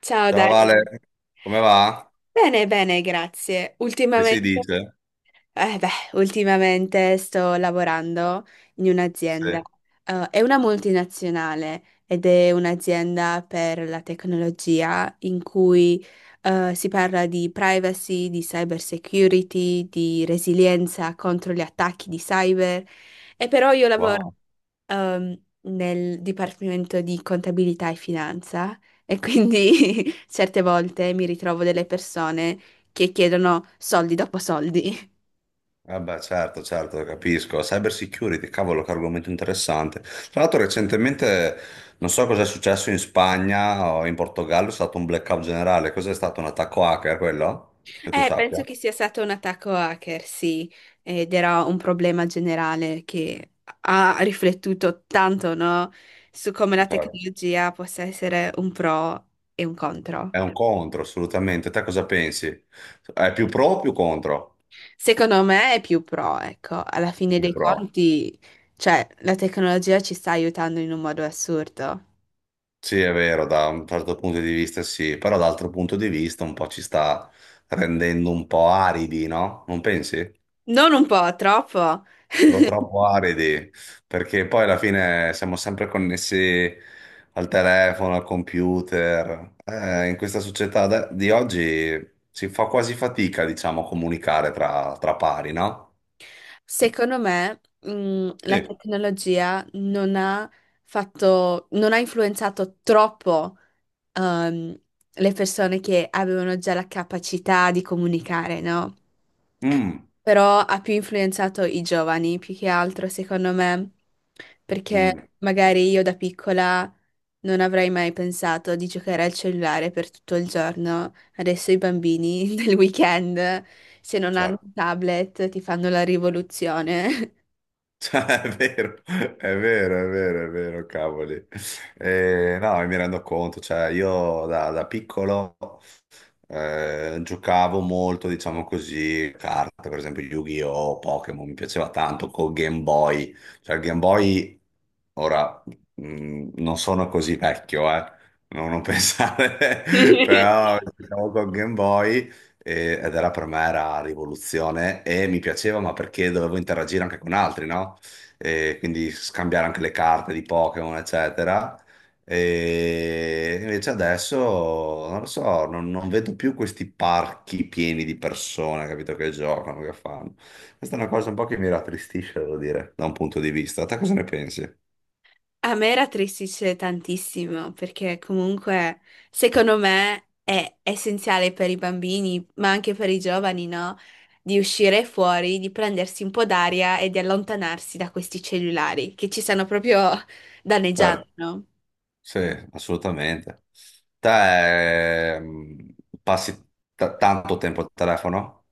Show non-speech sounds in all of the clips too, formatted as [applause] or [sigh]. Ciao Ciao Dani. Vale, come va? Bene, bene, grazie. Che si Ultimamente, dice? eh beh, ultimamente sto lavorando in un'azienda. Sì. È una multinazionale ed è un'azienda per la tecnologia in cui si parla di privacy, di cyber security, di resilienza contro gli attacchi di cyber. E però io lavoro Wow. Nel dipartimento di contabilità e finanza e quindi [laughs] certe volte mi ritrovo delle persone che chiedono soldi dopo soldi. [laughs] Vabbè, certo, certo, capisco. Cyber security, cavolo, che argomento interessante. Tra l'altro, recentemente, non so cosa è successo in Spagna o in Portogallo, è stato un blackout generale. Cos'è stato un attacco hacker quello? Che tu penso sappia? che sia stato un attacco hacker, sì, ed era un problema generale che ha riflettuto tanto, no, su come la Certo. tecnologia possa essere un pro e un contro. È un contro, assolutamente. Te cosa pensi? È più pro o più contro? Secondo me è più pro, ecco, alla fine Più dei pro. conti, cioè, la tecnologia ci sta aiutando in un modo assurdo. Sì, è vero, da un certo punto di vista sì, però dall'altro punto di vista un po' ci sta rendendo un po' aridi, no? Non pensi? Non un po', troppo. Però troppo aridi, perché poi alla fine siamo sempre connessi al telefono, al computer. In questa società di oggi si fa quasi fatica, diciamo, a comunicare tra pari, no? Secondo me, la Sì. tecnologia non ha influenzato troppo, ehm, le persone che avevano già la capacità di comunicare, no? Mm, Però ha più influenzato i giovani, più che altro, secondo me, mm, perché magari io da piccola non avrei mai pensato di giocare al cellulare per tutto il giorno. Adesso i bambini [laughs] del weekend, se non hanno certo. un tablet, ti fanno la rivoluzione. Cioè, è vero, è vero, è vero, è vero, cavoli. No, mi rendo conto, cioè io da piccolo giocavo molto, diciamo così, carte, per esempio Yu-Gi-Oh, Pokémon, mi piaceva tanto col Game Boy. Cioè il Game Boy, ora, non sono così vecchio, non pensare, [laughs] [laughs] però giocavo col Game Boy ed era per me era rivoluzione e mi piaceva, ma perché dovevo interagire anche con altri, no? E quindi scambiare anche le carte di Pokémon, eccetera. E invece adesso non lo so, non vedo più questi parchi pieni di persone, capito, che giocano, che fanno. Questa è una cosa un po' che mi rattristisce, devo dire, da un punto di vista. Te cosa ne pensi? A me rattristice tantissimo perché comunque secondo me è essenziale per i bambini, ma anche per i giovani, no? Di uscire fuori, di prendersi un po' d'aria e di allontanarsi da questi cellulari che ci stanno proprio [laughs] danneggiando, Certo, no? sì, assolutamente. Te passi tanto tempo al telefono?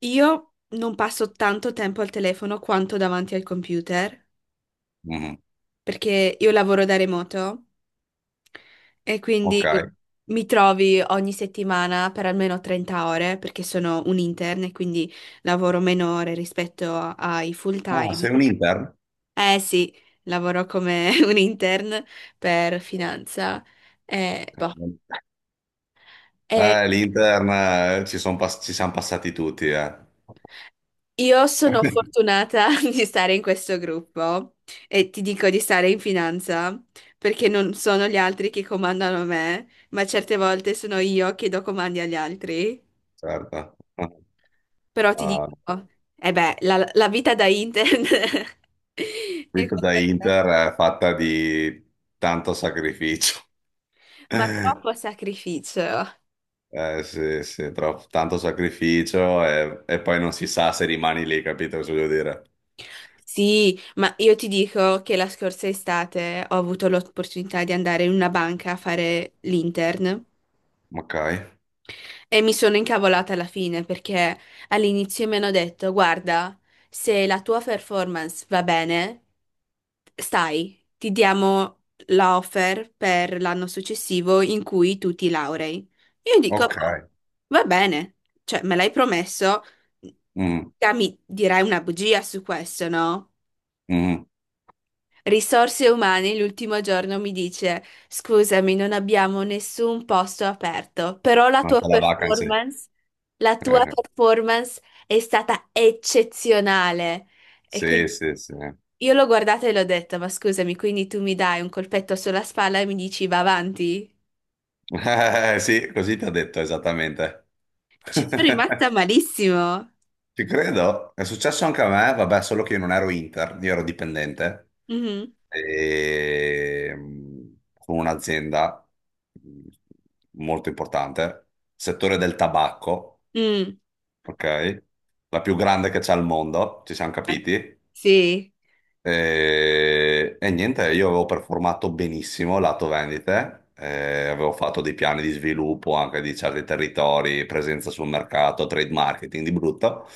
Io non passo tanto tempo al telefono quanto davanti al computer Mhm. perché io lavoro da remoto. E Ok. quindi Ah, mi trovi ogni settimana per almeno 30 ore, perché sono un intern e quindi lavoro meno ore rispetto ai full time. sei un intern? Eh sì, lavoro come [laughs] un intern per finanza. Boh. Cavolo. E L'intern ci siamo passati tutti, eh. io sono [laughs] fortunata [laughs] di stare in questo gruppo e ti dico di stare in finanza perché non sono gli altri che comandano me, ma certe volte sono io che do comandi agli altri. Certo. Però ti Ah, dico, la vita da intern [laughs] la è vita da qualcosa, Inter è fatta di tanto sacrificio. [laughs] ma troppo sacrificio. Sì, sì, tanto sacrificio e poi non si sa se rimani lì, capito cosa voglio dire? Sì, ma io ti dico che la scorsa estate ho avuto l'opportunità di andare in una banca a fare l'intern Ok, e mi sono incavolata alla fine perché all'inizio mi hanno detto, guarda, se la tua performance va bene, ti diamo la offer per l'anno successivo in cui tu ti laurei. Io dico, boh, ok. va bene, cioè me l'hai promesso, Mm, te mi dirai una bugia su questo, no? mm. Risorse umane l'ultimo giorno mi dice, scusami, non abbiamo nessun posto aperto, però Manca la vacanza. La tua Eh. performance è stata eccezionale. E Sì, quindi sì, sì. [laughs] io l'ho guardata e l'ho detta, ma scusami, quindi tu mi dai un colpetto sulla spalla e mi dici va avanti? Sì, così ti ho detto esattamente. [laughs] Ci sono rimasta malissimo. Ci credo, è successo anche a me, vabbè, solo che io non ero Inter, io ero dipendente Mhm. e, mh, con un'azienda mh, molto importante, settore del tabacco, Mm. ok? La più grande che c'è al mondo, ci siamo Eh, capiti? sì. E niente, io avevo performato benissimo lato vendite, avevo fatto dei piani di sviluppo anche di certi territori, presenza sul mercato, trade marketing di brutto,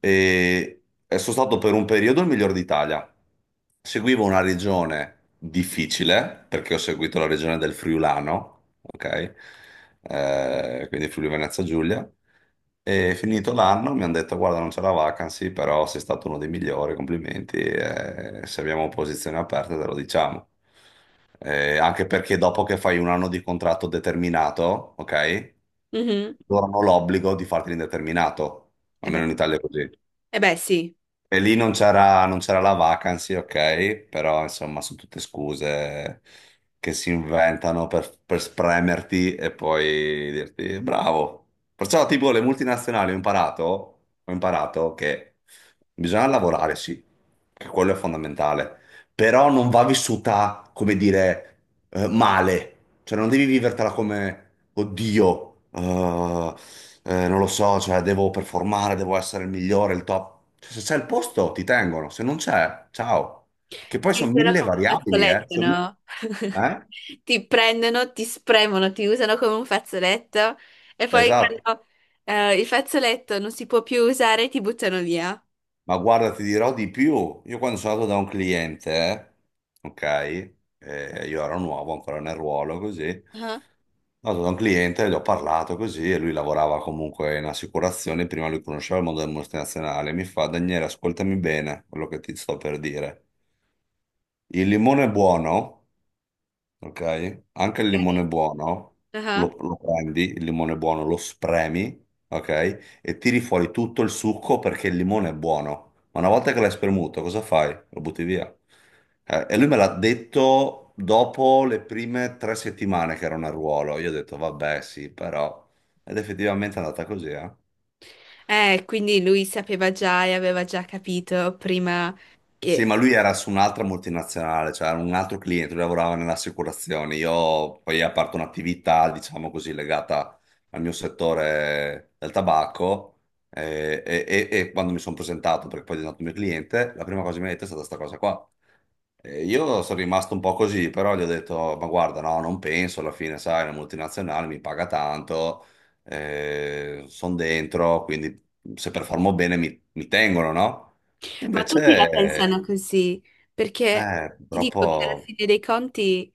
e sono stato per un periodo il miglior d'Italia. Seguivo una regione difficile, perché ho seguito la regione del Friulano, ok? Quindi Friuli Venezia Giulia. E finito l'anno mi hanno detto: guarda, non c'è la vacancy, però sei stato uno dei migliori, complimenti. Eh, se abbiamo posizioni aperte, te lo diciamo. Anche perché dopo che fai un anno di contratto determinato, ok, Mhm. loro hanno l'obbligo di farti l'indeterminato. E Almeno beh, in Italia è così. e beh, sì. E lì non c'era la vacancy, ok, però insomma sono tutte scuse che si inventano per spremerti e poi dirti bravo. Perciò tipo le multinazionali ho imparato che bisogna lavorare, sì, che quello è fondamentale, però non va vissuta, come dire, male. Cioè non devi vivertela come, oddio, non lo so, cioè devo performare, devo essere il migliore, il top. Cioè, se c'è il posto ti tengono, se non c'è, ciao. Che poi Ti sono usano mille come un variabili, eh? fazzoletto, no? [laughs] Eh? Ti prendono, ti spremono, ti usano come un fazzoletto e poi Esatto. quando il fazzoletto non si può più usare, ti buttano via. Ma guarda, ti dirò di più. Io quando sono andato da un cliente, ok, io ero nuovo ancora nel ruolo, così, Ah, sono andato da un cliente, gli ho parlato così, e lui lavorava comunque in assicurazione, prima lui conosceva il mondo del multinazionale, mi fa, Daniele, ascoltami bene quello che ti sto per dire. Il limone buono, ok? Anche il limone buono, ok. Lo prendi, il limone buono, lo spremi, ok? E tiri fuori tutto il succo perché il limone è buono. Ma una volta che l'hai spremuto, cosa fai? Lo butti via. E lui me l'ha detto dopo le prime tre settimane che era un arruolo. Io ho detto, vabbè, sì, però... Ed effettivamente è andata così, eh? Quindi lui sapeva già e aveva già capito prima Sì, che... ma lui era su un'altra multinazionale, cioè era un altro cliente, lui lavorava nelle assicurazioni. Io poi ho aperto un'attività, diciamo così, legata al mio settore del tabacco e quando mi sono presentato, perché poi è diventato mio cliente, la prima cosa che mi ha detto è stata questa cosa qua. E io sono rimasto un po' così, però gli ho detto, ma guarda, no, non penso, alla fine, sai, la multinazionale mi paga tanto, sono dentro, quindi se performo bene mi tengono, no? Ma tutti la pensano Invece così, perché ti dico che alla purtroppo... fine dei conti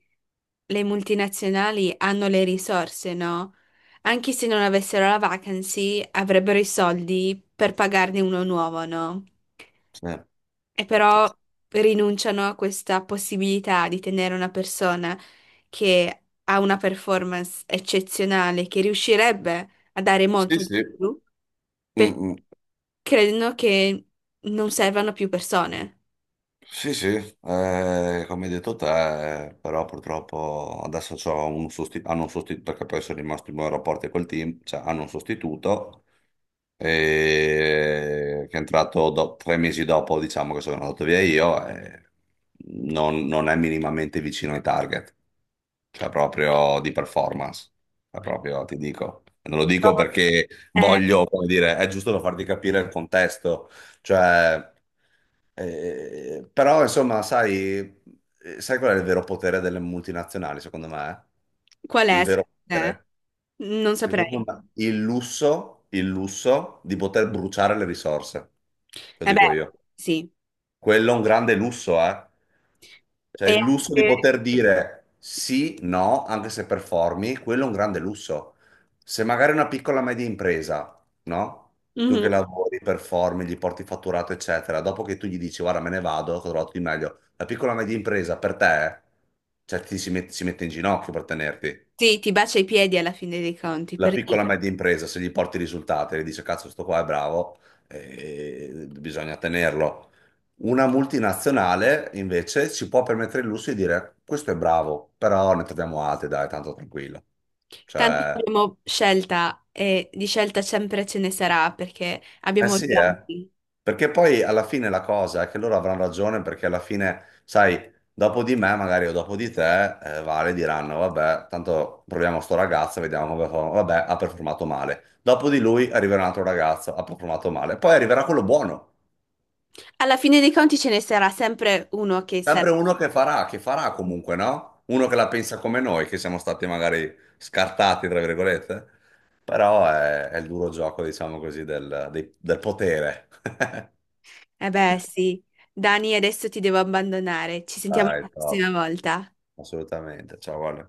le multinazionali hanno le risorse, no? Anche se non avessero la vacancy, avrebbero i soldi per pagarne uno nuovo, no? Sì, E però rinunciano a questa possibilità di tenere una persona che ha una performance eccezionale, che riuscirebbe a dare sì. molto di Sì, più, mm, perché mm. credono che non servano più persone. Sì, sì, come hai detto te, però purtroppo adesso hanno un sostituto, perché poi sono rimasto in buoni rapporti col team, cioè hanno un sostituto che è entrato tre mesi dopo, diciamo, che sono andato via io, e non è minimamente vicino ai target. Cioè proprio di performance, cioè, proprio ti dico. Non lo dico perché Eh, voglio, come dire, è giusto per farti capire il contesto, cioè, però insomma, sai, sai qual è il vero potere delle multinazionali, secondo me? qual è, Il vero secondo te? potere? Non saprei. Secondo me, il lusso di poter bruciare le risorse, lo Vabbè, dico io. sì. Quello è un grande lusso, eh? Cioè E il lusso di anche... poter dire sì, no, anche se performi, quello è un grande lusso. Se magari una piccola media impresa, no? Tu Mhm. che lavori, performi, gli porti fatturato, eccetera, dopo che tu gli dici guarda me ne vado, ho trovato di meglio, la piccola media impresa per te, cioè si mette in ginocchio per tenerti Sì, ti bacia i piedi alla fine dei conti, la per dire. piccola e media impresa, se gli porti i risultati, le dice cazzo, sto qua è bravo, bisogna tenerlo. Una multinazionale invece si può permettere il lusso di dire questo è bravo, però ne troviamo altri, dai, tanto tranquillo. Tanto Cioè, abbiamo scelta e di scelta sempre ce ne sarà perché eh abbiamo sì, eh. giochi. Perché poi alla fine la cosa è che loro avranno ragione perché alla fine, sai, dopo di me magari o dopo di te, Vale diranno, vabbè, tanto proviamo sto ragazzo, vediamo come fa. Vabbè, ha performato male. Dopo di lui arriverà un altro ragazzo, ha performato male. Poi arriverà quello buono. Alla fine dei conti ce ne sarà sempre uno che sarà. Sempre uno che farà comunque, no? Uno che la pensa come noi, che siamo stati magari scartati, tra virgolette. Però è il duro gioco, diciamo così, del potere. [laughs] Eh beh, sì. Dani, adesso ti devo abbandonare. Ci sentiamo la Dai, prossima top. volta. Assolutamente. Ciao, Ale.